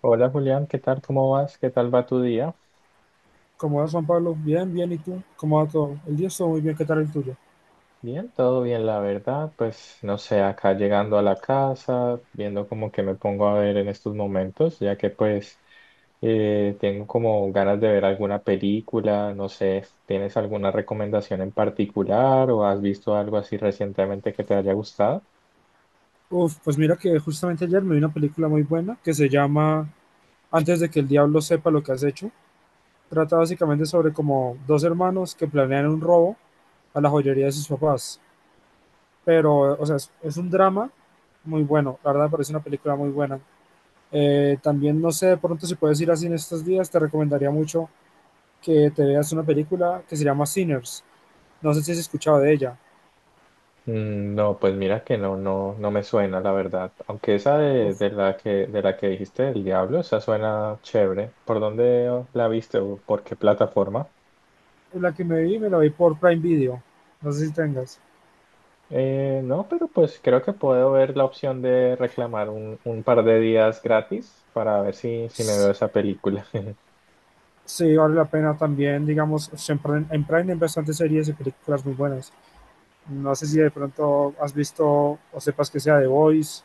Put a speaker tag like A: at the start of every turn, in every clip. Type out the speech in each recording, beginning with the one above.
A: Hola Julián, ¿qué tal? ¿Cómo vas? ¿Qué tal va tu día?
B: ¿Cómo vas, Juan Pablo? Bien, bien, ¿y tú? ¿Cómo va todo? El día estuvo muy bien, ¿qué tal el tuyo?
A: Bien, todo bien, la verdad. Pues no sé, acá llegando a la casa, viendo como que me pongo a ver en estos momentos, ya que pues tengo como ganas de ver alguna película, no sé, ¿tienes alguna recomendación en particular o has visto algo así recientemente que te haya gustado?
B: Uf, pues mira que justamente ayer me vi una película muy buena que se llama Antes de que el diablo sepa lo que has hecho. Trata básicamente sobre como dos hermanos que planean un robo a la joyería de sus papás. Pero, o sea, es un drama muy bueno, la verdad me parece una película muy buena. También, no sé, de pronto si puedes ir así en estos días, te recomendaría mucho que te veas una película que se llama Sinners. No sé si has escuchado de ella.
A: Mm, no, pues mira que no, no, no me suena, la verdad. Aunque esa de la que dijiste, El Diablo, esa suena chévere. ¿Por dónde la viste o por qué plataforma?
B: La que me vi, me la vi por Prime Video. No sé si tengas.
A: No, pero pues creo que puedo ver la opción de reclamar un par de días gratis para ver si me veo esa película.
B: Sí, vale la pena también, digamos, siempre en Prime hay bastantes series y películas muy buenas. No sé si de pronto has visto o sepas que sea The Voice.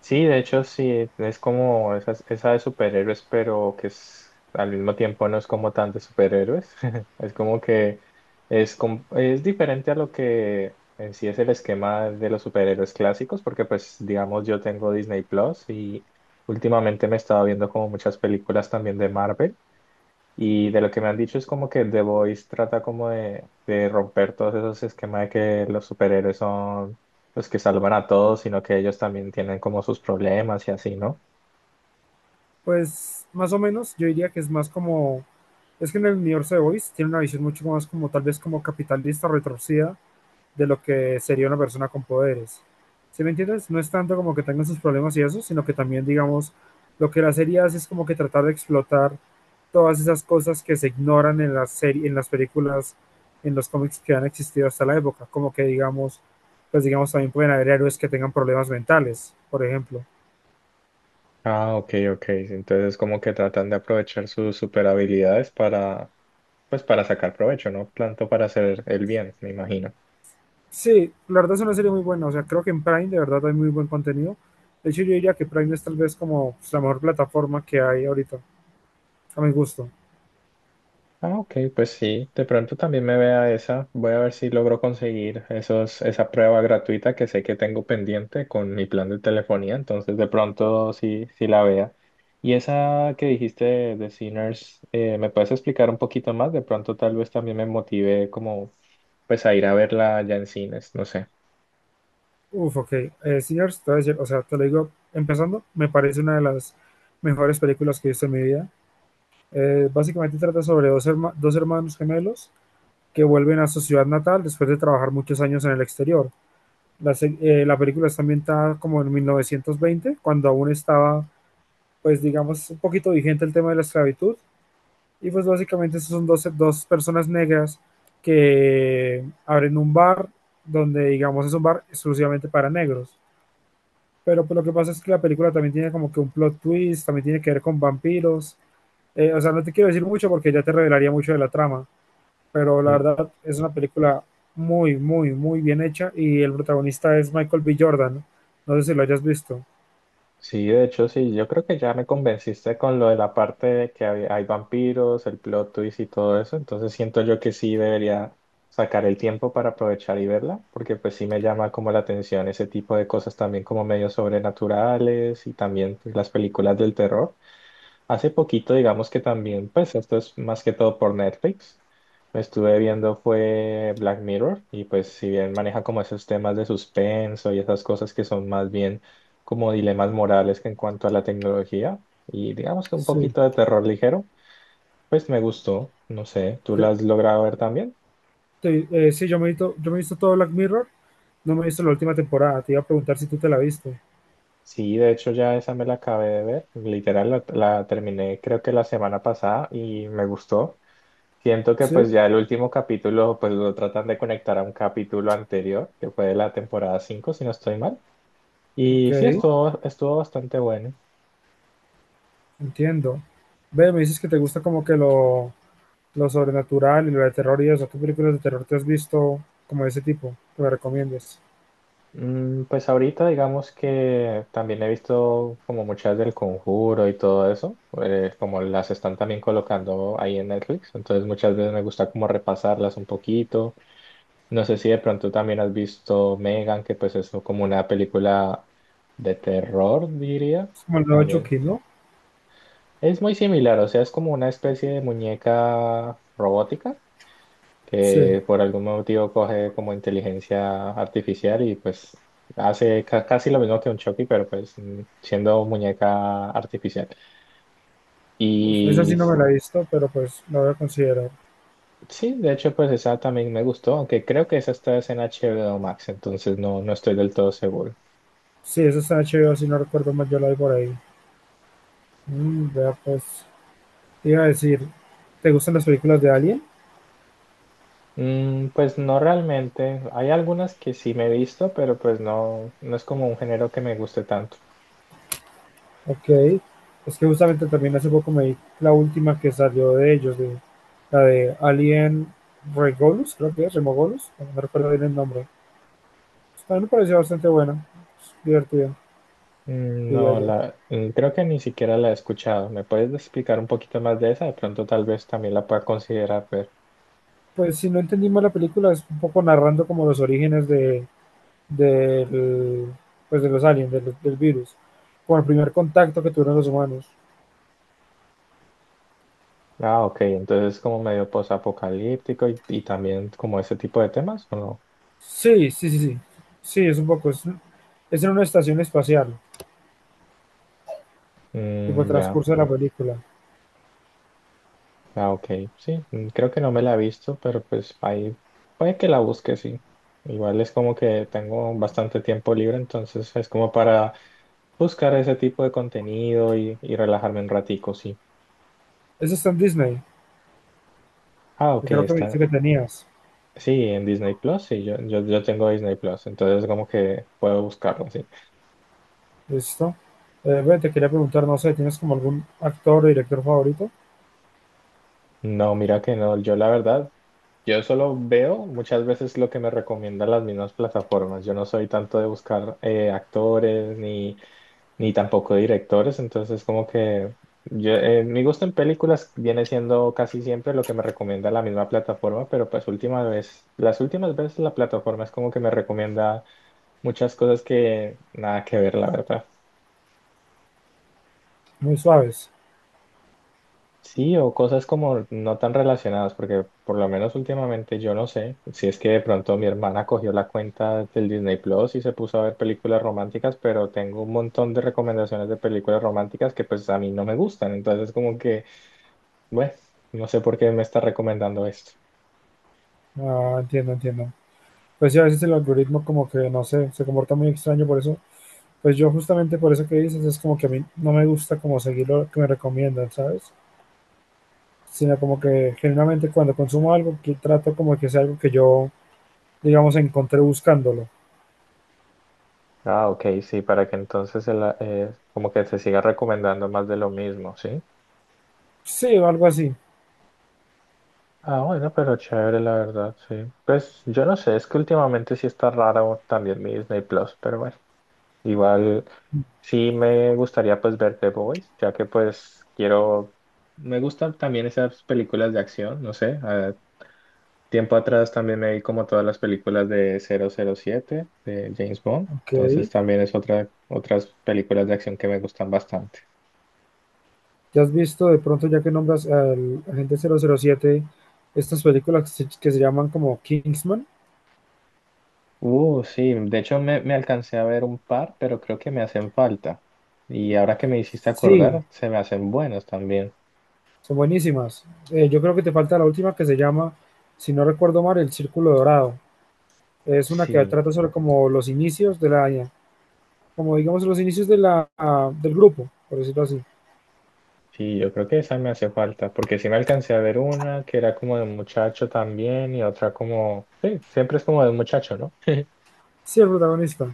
A: Sí, de hecho, sí, es como esa de superhéroes, pero que es, al mismo tiempo no es como tan de superhéroes. Es como que es, es diferente a lo que en sí es el esquema de los superhéroes clásicos, porque pues digamos yo tengo Disney Plus y últimamente me he estado viendo como muchas películas también de Marvel. Y de lo que me han dicho es como que The Voice trata como de romper todos esos esquemas de que los superhéroes son los que salvan a todos, sino que ellos también tienen como sus problemas y así, ¿no?
B: Pues más o menos, yo diría que es más como... Es que en el universo de The Voice tiene una visión mucho más como tal vez como capitalista retorcida de lo que sería una persona con poderes. ¿Sí me entiendes? No es tanto como que tengan sus problemas y eso, sino que también, digamos, lo que la serie hace es como que tratar de explotar todas esas cosas que se ignoran en la serie, en las películas, en los cómics que han existido hasta la época, como que digamos, pues digamos también pueden haber héroes que tengan problemas mentales, por ejemplo.
A: Ah, ok, ok. Entonces como que tratan de aprovechar sus super habilidades para, pues para sacar provecho, ¿no? Tanto para hacer el bien, me imagino.
B: Sí, la verdad es una serie muy buena, o sea, creo que en Prime de verdad hay muy buen contenido. De hecho, yo diría que Prime es tal vez como pues, la mejor plataforma que hay ahorita, a mi gusto.
A: Ah, ok, pues sí, de pronto también me vea esa. Voy a ver si logro conseguir esa prueba gratuita que sé que tengo pendiente con mi plan de telefonía, entonces de pronto sí, sí la vea. Y esa que dijiste de Sinners, ¿me puedes explicar un poquito más? De pronto tal vez también me motive como pues a ir a verla ya en cines, no sé.
B: Uf, ok. Señor, te voy a decir, o sea, te lo digo, empezando, me parece una de las mejores películas que he visto en mi vida. Básicamente trata sobre dos hermanos gemelos que vuelven a su ciudad natal después de trabajar muchos años en el exterior. La película está ambientada como en 1920, cuando aún estaba, pues digamos, un poquito vigente el tema de la esclavitud. Y pues básicamente esos son dos personas negras que abren un bar donde, digamos, es un bar exclusivamente para negros. Pero pues, lo que pasa es que la película también tiene como que un plot twist, también tiene que ver con vampiros. O sea, no te quiero decir mucho porque ya te revelaría mucho de la trama, pero la verdad es una película muy, muy, muy bien hecha y el protagonista es Michael B. Jordan. No sé si lo hayas visto.
A: Sí, de hecho, sí, yo creo que ya me convenciste con lo de la parte de que hay vampiros, el plot twist y todo eso, entonces siento yo que sí debería sacar el tiempo para aprovechar y verla, porque pues sí me llama como la atención ese tipo de cosas también como medios sobrenaturales y también pues, las películas del terror. Hace poquito, digamos que también, pues esto es más que todo por Netflix. Me estuve viendo fue Black Mirror y pues si bien maneja como esos temas de suspenso y esas cosas que son más bien como dilemas morales que en cuanto a la tecnología y digamos que un
B: Sí.
A: poquito de terror ligero, pues me gustó. No sé, ¿tú la
B: Te-
A: has logrado ver también?
B: sí, he yo me he visto todo Black Mirror, no me he visto la última temporada. Te iba a preguntar si tú te la viste.
A: Sí, de hecho ya esa me la acabé de ver. Literal la terminé creo que la semana pasada y me gustó. Siento que
B: Sí,
A: pues ya el último capítulo pues lo tratan de conectar a un capítulo anterior, que fue de la temporada 5 si no estoy mal. Y sí,
B: ok.
A: estuvo, estuvo bastante bueno.
B: Entiendo. Ve, me dices que te gusta como que lo sobrenatural y lo de terror y eso. ¿Qué películas de terror te has visto como de ese tipo que me recomiendes?
A: Mm, pues ahorita digamos que también he visto como muchas del Conjuro y todo eso, como las están también colocando ahí en Netflix, entonces muchas veces me gusta como repasarlas un poquito. No sé si de pronto también has visto Megan, que pues es como una película de terror, diría.
B: Es como el nuevo
A: También
B: Chucky, ¿no?
A: es muy similar, o sea, es como una especie de muñeca robótica
B: Sí.
A: que por algún motivo coge como inteligencia artificial y pues hace casi lo mismo que un Chucky, pero pues mm, siendo muñeca artificial.
B: Uf, esa sí
A: Y
B: no me
A: sí,
B: la he visto, pero pues la voy a considerar.
A: sí, de hecho pues esa también me gustó, aunque creo que esa está es en H B o Max, entonces no, no estoy del todo seguro.
B: Sí, esa está en HBO, si no recuerdo mal, yo la vi por ahí. Mm, vea, pues, te iba a decir, ¿te gustan las películas de Alien?
A: Mm, pues no realmente, hay algunas que sí me he visto, pero pues no, no es como un género que me guste tanto.
B: Ok, es que justamente también hace poco me vi la última que salió de ellos, de la de Alien Regolus, creo que es, Remogolus, no recuerdo bien el nombre. Pues, también me pareció bastante buena, es divertida,
A: Mm,
B: diría
A: no,
B: yo.
A: la, mm, creo que ni siquiera la he escuchado. ¿Me puedes explicar un poquito más de esa? De pronto tal vez también la pueda considerar ver.
B: Pues si no entendimos la película, es un poco narrando como los orígenes del, pues, de los aliens, del virus, con el primer contacto que tuvieron los humanos.
A: Ah, ok, entonces es como medio posapocalíptico y también como ese tipo de temas, ¿o no?
B: Sí, sí, sí, sí, sí, es un poco, es en una estación espacial, tipo el
A: Mm, ya,
B: transcurso de la película.
A: ah, ok, sí, mm, creo que no me la he visto, pero pues ahí puede que la busque, sí. Igual es como que tengo bastante tiempo libre, entonces es como para buscar ese tipo de contenido y relajarme un ratico, sí.
B: Ese está en Disney.
A: Ah,
B: Que
A: ok,
B: creo que me dijiste
A: está.
B: que tenías.
A: Sí, en Disney Plus, sí, yo tengo Disney Plus, entonces como que puedo buscarlo, sí.
B: ¿Listo? Ve, te quería preguntar, no sé, ¿tienes como algún actor o director favorito?
A: No, mira que no, yo la verdad, yo solo veo muchas veces lo que me recomiendan las mismas plataformas, yo no soy tanto de buscar actores ni tampoco directores, entonces como que yo, mi gusto en películas viene siendo casi siempre lo que me recomienda la misma plataforma, pero pues última vez, las últimas veces la plataforma es como que me recomienda muchas cosas que nada que ver, la verdad.
B: Muy suaves.
A: Sí, o cosas como no tan relacionadas, porque por lo menos últimamente yo no sé si es que de pronto mi hermana cogió la cuenta del Disney Plus y se puso a ver películas románticas, pero tengo un montón de recomendaciones de películas románticas que pues a mí no me gustan, entonces como que, bueno, no sé por qué me está recomendando esto.
B: Ah, entiendo, entiendo. Pues sí, a veces el algoritmo como que, no sé, se comporta muy extraño, por eso, pues yo justamente por eso que dices, es como que a mí no me gusta como seguir lo que me recomiendan, ¿sabes? Sino como que generalmente cuando consumo algo, que trato como que sea algo que yo, digamos, encontré buscándolo.
A: Ah, ok, sí, para que entonces como que se siga recomendando más de lo mismo, ¿sí?
B: Sí, o algo así.
A: Ah, bueno, pero chévere, la verdad, sí. Pues yo no sé, es que últimamente sí está raro también mi Disney Plus, pero bueno. Igual sí me gustaría pues ver The Boys, ya que pues quiero, me gustan también esas películas de acción, no sé, tiempo atrás también me vi como todas las películas de 007 de James Bond,
B: Ok.
A: entonces también es otras películas de acción que me gustan bastante.
B: ¿Ya has visto de pronto, ya que nombras al agente 007, estas películas que se llaman como Kingsman?
A: Sí, de hecho me alcancé a ver un par, pero creo que me hacen falta. Y ahora que me hiciste
B: Sí,
A: acordar, se me hacen buenas también.
B: son buenísimas. Yo creo que te falta la última que se llama, si no recuerdo mal, El Círculo Dorado. Es una que
A: Sí.
B: trata sobre como los inicios de la, como digamos los inicios de la, ah, del grupo, por decirlo así.
A: Sí, yo creo que esa me hace falta, porque sí me alcancé a ver una que era como de un muchacho también y otra como, sí, siempre es como de un muchacho, ¿no?
B: Sí, el protagonista.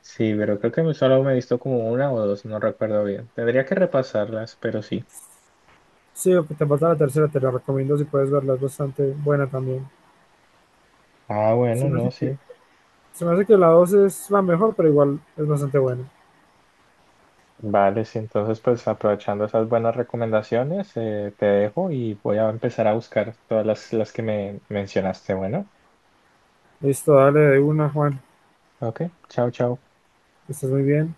A: Sí, pero creo que solo me he visto como una o dos, no recuerdo bien. Tendría que repasarlas, pero sí.
B: Sí, ok, te falta la tercera, te la recomiendo si puedes verla, es bastante buena también.
A: Ah,
B: Se
A: bueno,
B: me hace
A: no,
B: que,
A: sí.
B: se me hace que la dos es la mejor, pero igual es bastante buena.
A: Vale, sí, entonces pues aprovechando esas buenas recomendaciones, te dejo y voy a empezar a buscar todas las que me mencionaste. Bueno,
B: Listo, dale de una, Juan.
A: ok, chao, chao.
B: Estás muy bien.